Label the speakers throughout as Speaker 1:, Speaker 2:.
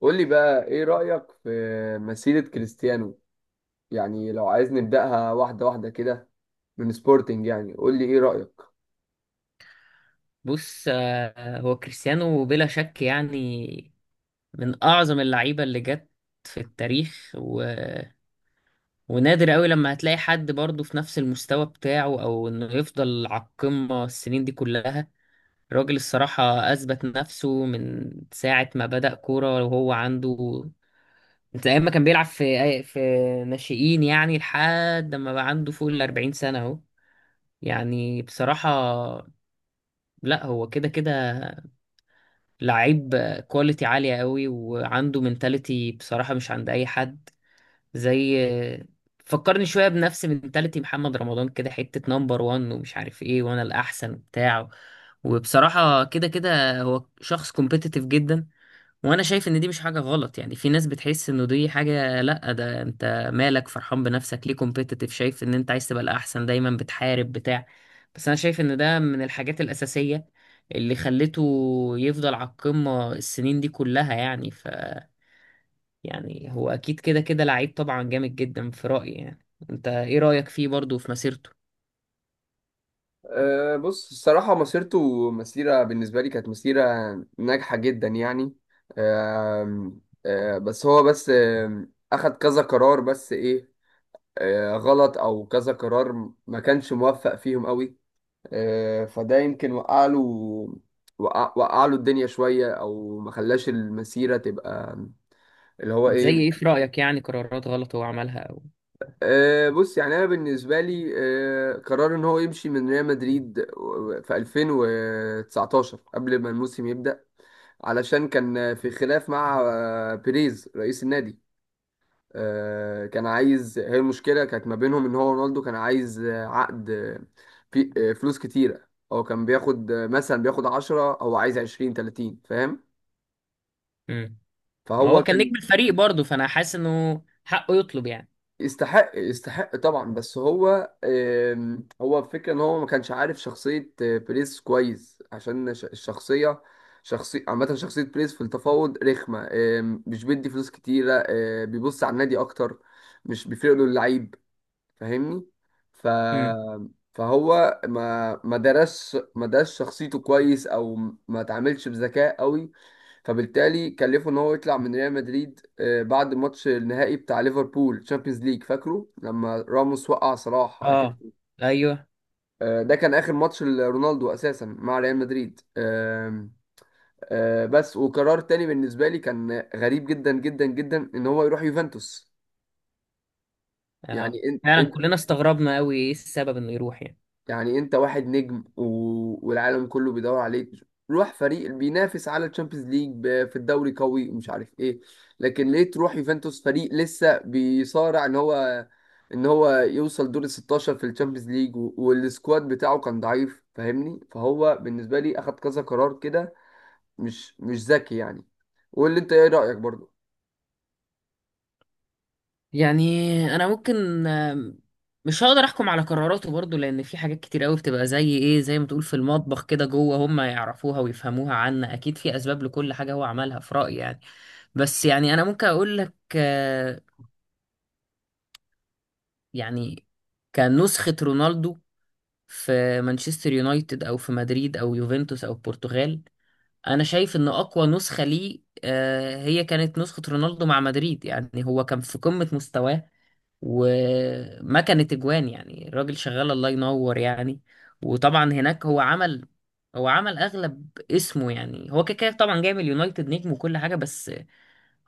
Speaker 1: قول لي بقى ايه رأيك في مسيرة كريستيانو؟ يعني لو عايز نبدأها واحدة واحدة كده من سبورتنج، يعني قول لي ايه رأيك.
Speaker 2: بص، هو كريستيانو بلا شك، يعني من أعظم اللعيبة اللي جت في التاريخ ونادر قوي لما هتلاقي حد برضه في نفس المستوى بتاعه، أو إنه يفضل على القمة السنين دي كلها. الراجل الصراحة أثبت نفسه من ساعة ما بدأ كورة وهو عنده، من أيام ما كان بيلعب في ناشئين، يعني لحد ما بقى عنده فوق الأربعين سنة أهو. يعني بصراحة، لا هو كده كده لعيب كواليتي عالية قوي، وعنده منتاليتي بصراحة مش عند أي حد. زي، فكرني شوية بنفس منتاليتي محمد رمضان كده، حتة نمبر وان ومش عارف ايه وأنا الأحسن وبتاع. وبصراحة كده كده هو شخص كومبيتيتيف جدا، وانا شايف ان دي مش حاجه غلط. يعني في ناس بتحس انه دي حاجه، لا ده انت مالك فرحان بنفسك؟ ليه كومبيتيتيف شايف ان انت عايز تبقى الاحسن دايما بتحارب بتاع. بس انا شايف ان ده من الحاجات الاساسيه اللي خلته يفضل على القمه السنين دي كلها. يعني يعني هو اكيد كده كده لعيب طبعا جامد جدا في رايي. يعني انت ايه رايك فيه برضه في مسيرته؟
Speaker 1: بص، الصراحة مسيرته مسيرة بالنسبة لي كانت مسيرة ناجحة جدا يعني. أم أه بس هو بس أم، أخد كذا قرار بس ايه، غلط، او كذا قرار ما كانش موفق فيهم قوي. فده يمكن وقع له، وقع له الدنيا شوية، او ما خلاش المسيرة تبقى اللي هو
Speaker 2: زي
Speaker 1: ايه.
Speaker 2: ايه في رايك، يعني قرارات غلط هو عملها او؟
Speaker 1: بص، يعني انا بالنسبه لي قرار ان هو يمشي من ريال مدريد في 2019 قبل ما الموسم يبدا، علشان كان في خلاف مع بيريز رئيس النادي. آه، كان عايز، هي المشكله كانت ما بينهم ان هو رونالدو كان عايز عقد، آه، في آه، فلوس كتيره. هو كان بياخد مثلا بياخد 10، هو عايز 20، 30، فاهم؟
Speaker 2: مم. ما
Speaker 1: فهو
Speaker 2: هو كان
Speaker 1: كان،
Speaker 2: نجم الفريق برضه، فانا حاسس انه حقه يطلب
Speaker 1: يستحق، يستحق طبعا. بس هو هو الفكرة ان هو ما كانش عارف شخصية بريز كويس، عشان الشخصية، شخصية عامة، شخصية بريز في التفاوض رخمة. مش بيدي فلوس كتيرة، بيبص على النادي اكتر، مش بيفرق له اللعيب، فاهمني؟ ف
Speaker 2: يعني.
Speaker 1: فهو ما درس شخصيته كويس، او ما تعاملش بذكاء قوي. فبالتالي كلفه ان هو يطلع من ريال مدريد بعد ماتش النهائي بتاع ليفربول تشامبيونز ليج، فاكره لما راموس وقع صلاح على كده.
Speaker 2: اه. ايوه.
Speaker 1: ده كان اخر ماتش لرونالدو اساسا مع ريال مدريد. آم، آه، بس وقرار تاني بالنسبه لي كان غريب جدا جدا جدا، ان هو يروح يوفنتوس.
Speaker 2: اه،
Speaker 1: يعني،
Speaker 2: فعلا كلنا استغربنا قوي ايه السبب انه يروح يعني؟
Speaker 1: يعني انت واحد نجم، و... والعالم كله بيدور عليك، روح فريق بينافس على الشامبيونز ليج، ب... في الدوري قوي ومش عارف ايه. لكن ليه تروح يوفنتوس، فريق لسه بيصارع ان هو، ان هو يوصل دور ال 16 في الشامبيونز ليج، و... والسكواد بتاعه كان ضعيف، فاهمني؟ فهو بالنسبة لي اخد كذا قرار كده مش ذكي يعني. واللي، انت ايه رأيك برضو؟
Speaker 2: يعني انا ممكن، مش هقدر احكم على قراراته برضو، لان في حاجات كتير قوي بتبقى زي ايه، زي ما تقول في المطبخ كده جوه هم يعرفوها ويفهموها. عنا اكيد في اسباب لكل حاجة هو عملها في رأيي يعني. بس يعني انا ممكن اقول لك، يعني كنسخة رونالدو في مانشستر يونايتد او في مدريد او يوفنتوس او البرتغال، انا شايف ان اقوى نسخة ليه، هي كانت نسخة رونالدو مع مدريد. يعني هو كان في قمة مستواه وما كانت اجوان، يعني الراجل شغال الله ينور يعني. وطبعا هناك هو عمل اغلب اسمه. يعني هو كده كده طبعا جاي من اليونايتد نجم وكل حاجة. بس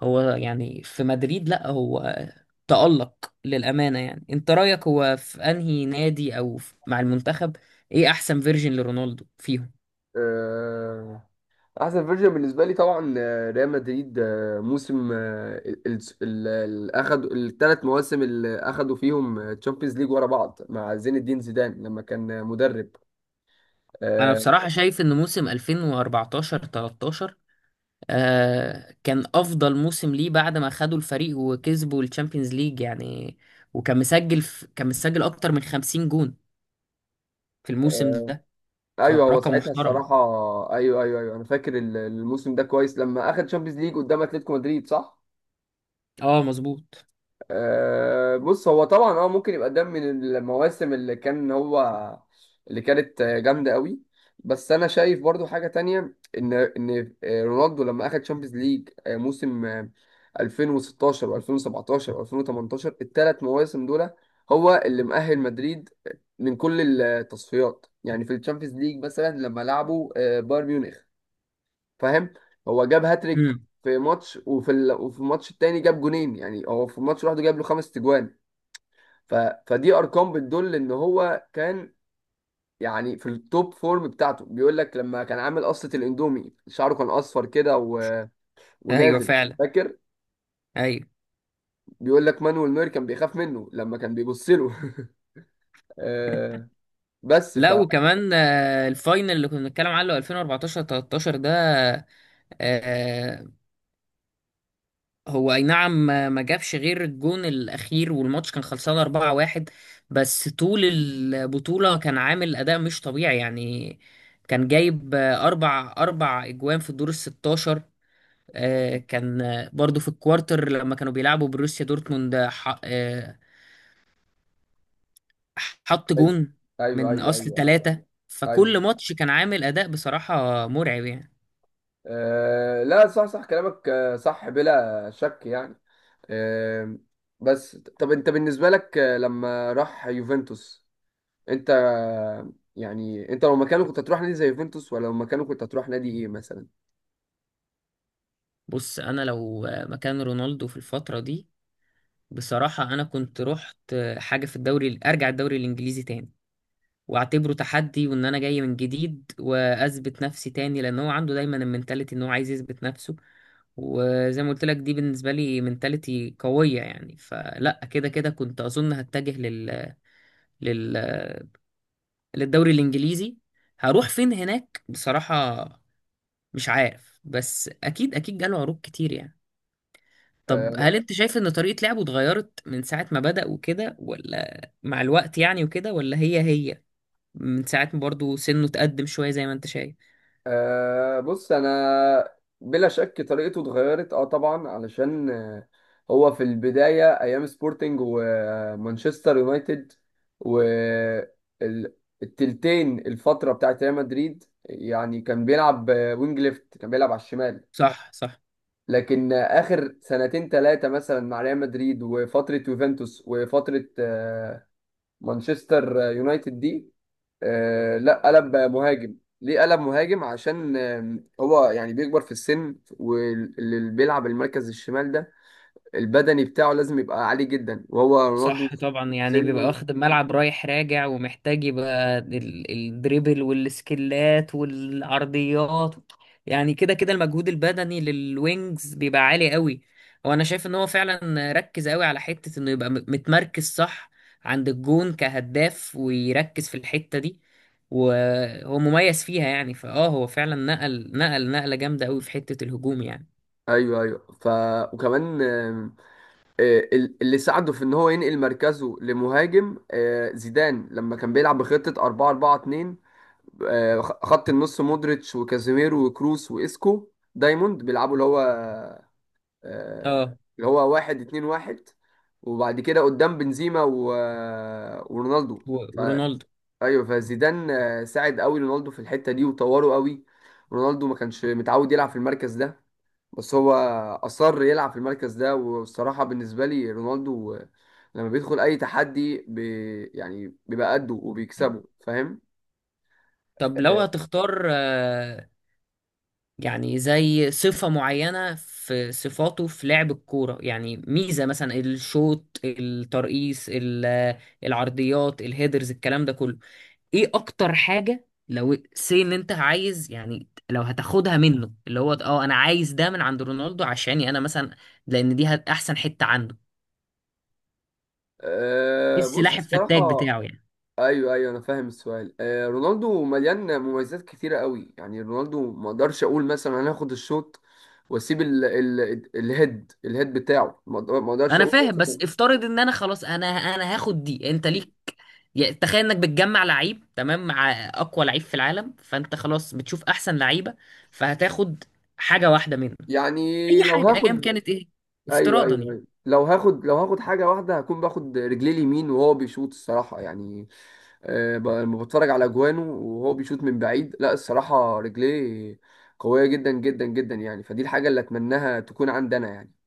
Speaker 2: هو يعني في مدريد، لا هو تألق للأمانة. يعني انت رأيك، هو في انهي نادي او مع المنتخب، ايه احسن فيرجن لرونالدو فيهم؟
Speaker 1: آه، احسن فيرجن بالنسبه لي طبعا ريال مدريد، موسم، اخد الثلاث مواسم اللي اخدوا فيهم تشامبيونز ليج ورا بعض مع زين الدين زيدان لما كان مدرب.
Speaker 2: انا
Speaker 1: آه،
Speaker 2: بصراحة شايف ان موسم 2014 13، آه كان افضل موسم ليه بعد ما خدوا الفريق وكسبوا الشامبيونز ليج يعني. وكان مسجل في كان مسجل اكتر من 50 جون في الموسم
Speaker 1: آه،
Speaker 2: ده.
Speaker 1: ايوه هو
Speaker 2: فرقم
Speaker 1: ساعتها
Speaker 2: محترم.
Speaker 1: الصراحه، ايوه ايوه ايوه، انا فاكر الموسم ده كويس لما اخد تشامبيونز ليج قدام اتلتيكو مدريد، صح.
Speaker 2: اه مظبوط.
Speaker 1: بص هو طبعا اه ممكن يبقى ده من المواسم اللي كان هو، اللي كانت جامده قوي. بس انا شايف برضو حاجه تانية ان رونالدو لما اخد تشامبيونز ليج موسم 2016 و2017 و2018، الثلاث مواسم دول هو اللي مؤهل مدريد من كل التصفيات. يعني في الشامبيونز ليج مثلا لما لعبوا بايرن ميونخ، فاهم؟ هو جاب هاتريك
Speaker 2: امم.
Speaker 1: في ماتش، وفي الماتش التاني جاب جونين. يعني هو في الماتش لوحده جاب له خمس تجوان. ف... فدي ارقام بتدل ان هو كان يعني في التوب فورم بتاعته. بيقول لك لما كان عامل قصة الاندومي، شعره كان اصفر كده، و...
Speaker 2: ايوه
Speaker 1: ونازل،
Speaker 2: فعلا.
Speaker 1: فاكر؟
Speaker 2: ايوه.
Speaker 1: بيقول لك مانويل نوير كان بيخاف منه لما كان بيبص له. آه، بس ف
Speaker 2: لا وكمان الفاينل اللي كنا بنتكلم عنه 2014 13 ده، آه هو اي نعم ما جابش غير الجون الاخير، والماتش كان خلصان 4-1. بس طول البطولة كان عامل اداء مش طبيعي يعني. كان جايب، اربع اجوان في الدور ال 16. كان، برضو في الكوارتر لما كانوا بيلعبوا بروسيا دورتموند، حط
Speaker 1: ايوه
Speaker 2: جون
Speaker 1: ايوه
Speaker 2: من
Speaker 1: ايوه
Speaker 2: اصل
Speaker 1: ايوه
Speaker 2: ثلاثة.
Speaker 1: ايوه.
Speaker 2: فكل ماتش كان عامل اداء بصراحة مرعب يعني.
Speaker 1: لا صح، صح كلامك، صح بلا شك يعني. آم، بس طب انت بالنسبة لك لما راح يوفنتوس، انت يعني انت لو مكانه كنت هتروح نادي زي يوفنتوس، ولا لو مكانه كنت هتروح نادي ايه مثلا؟
Speaker 2: بص انا لو، مكان رونالدو في الفترة دي، بصراحة أنا كنت رحت حاجة في الدوري. أرجع الدوري الإنجليزي تاني وأعتبره تحدي، وإن أنا جاي من جديد وأثبت نفسي تاني، لأن هو عنده دايما المنتاليتي إن هو عايز يثبت نفسه. وزي ما قلت لك دي بالنسبة لي منتاليتي قوية يعني. فلا كده كده كنت أظن هتجه لل... للدوري الإنجليزي. هروح فين هناك بصراحة، مش عارف. بس أكيد أكيد جاله عروض كتير يعني.
Speaker 1: آه،
Speaker 2: طب
Speaker 1: انا
Speaker 2: هل انت شايف ان طريقة لعبه اتغيرت من ساعة ما بدأ وكده، ولا مع الوقت يعني وكده، ولا هي هي من ساعة ما برضه سنه اتقدم شوية زي ما انت شايف؟
Speaker 1: آه، بص انا، بلا شك طريقته اتغيرت، اه طبعا. علشان هو في البداية ايام سبورتنج ومانشستر يونايتد والتلتين الفترة بتاعت ريال مدريد، يعني كان بيلعب وينج ليفت، كان بيلعب على الشمال.
Speaker 2: صح، صح.
Speaker 1: لكن اخر سنتين ثلاثه مثلا مع ريال مدريد، وفتره يوفنتوس، وفتره مانشستر يونايتد دي، لا قلب مهاجم. ليه قلب مهاجم؟ عشان هو يعني بيكبر في السن، واللي بيلعب المركز الشمال ده البدني بتاعه لازم يبقى عالي جدا، وهو رونالدو
Speaker 2: صح طبعا، يعني بيبقى
Speaker 1: سنه.
Speaker 2: واخد الملعب رايح راجع ومحتاج يبقى الدريبل والسكلات والعرضيات. يعني كده كده المجهود البدني للوينجز بيبقى عالي قوي. وانا شايف ان هو فعلا ركز قوي على حتة انه يبقى متمركز صح عند الجون كهداف، ويركز في الحتة دي وهو مميز فيها. يعني فاه هو فعلا نقلة جامدة قوي في حتة الهجوم يعني.
Speaker 1: ايوه ايوه. وكمان اللي ساعده في ان هو ينقل مركزه لمهاجم زيدان لما كان بيلعب بخطة 4 4 2، خط النص مودريتش وكازيميرو وكروس وإسكو، دايموند بيلعبوا اللي هو، آه،
Speaker 2: اه.
Speaker 1: اللي هو واحد اتنين واحد. وبعد كده قدام بنزيما و ورونالدو
Speaker 2: ورونالدو.
Speaker 1: ايوه، فزيدان ساعد قوي رونالدو في الحته دي وطوره قوي. رونالدو ما كانش متعود يلعب في المركز ده، بس هو اصر يلعب في المركز ده. والصراحه بالنسبه لي رونالدو لما بيدخل اي تحدي بي، يعني بيبقى قده وبيكسبه، فاهم؟
Speaker 2: طب لو هتختار، يعني زي صفة معينة في صفاته في لعب الكورة، يعني ميزة، مثلا الشوط، الترقيص، العرضيات، الهيدرز، الكلام ده كله، ايه اكتر حاجة لو سي ان انت عايز، يعني لو هتاخدها منه، اللي هو اه انا عايز ده من عند رونالدو عشاني انا مثلا، لان دي احسن حتة عنده، ايه
Speaker 1: بص،
Speaker 2: السلاح الفتاك
Speaker 1: الصراحة،
Speaker 2: بتاعه يعني؟
Speaker 1: أيوه أيوه، أنا فاهم السؤال. رونالدو مليان مميزات كتيرة قوي. يعني رونالدو ما أقدرش أقول مثلا أنا هاخد الشوط وأسيب ال الهيد، بتاعه. ما أقدرش
Speaker 2: انا
Speaker 1: أقول
Speaker 2: فاهم، بس
Speaker 1: مثلا.
Speaker 2: افترض ان انا خلاص انا هاخد دي، انت ليك. يعني تخيل انك بتجمع لعيب تمام مع اقوى لعيب في العالم، فانت خلاص بتشوف احسن لعيبه فهتاخد حاجه واحده منه،
Speaker 1: يعني
Speaker 2: اي
Speaker 1: لو
Speaker 2: حاجه ايا
Speaker 1: هاخد،
Speaker 2: كانت ايه؟
Speaker 1: ايوه
Speaker 2: افتراضا
Speaker 1: ايوه
Speaker 2: يعني.
Speaker 1: ايوه، لو هاخد، لو هاخد حاجه واحده، هكون باخد رجليه اليمين وهو بيشوط، الصراحه يعني. لما بتفرج على اجوانه وهو بيشوط من بعيد، لا الصراحه، رجليه قويه جدا جدا جدا يعني. فدي الحاجه اللي اتمناها تكون عندنا يعني.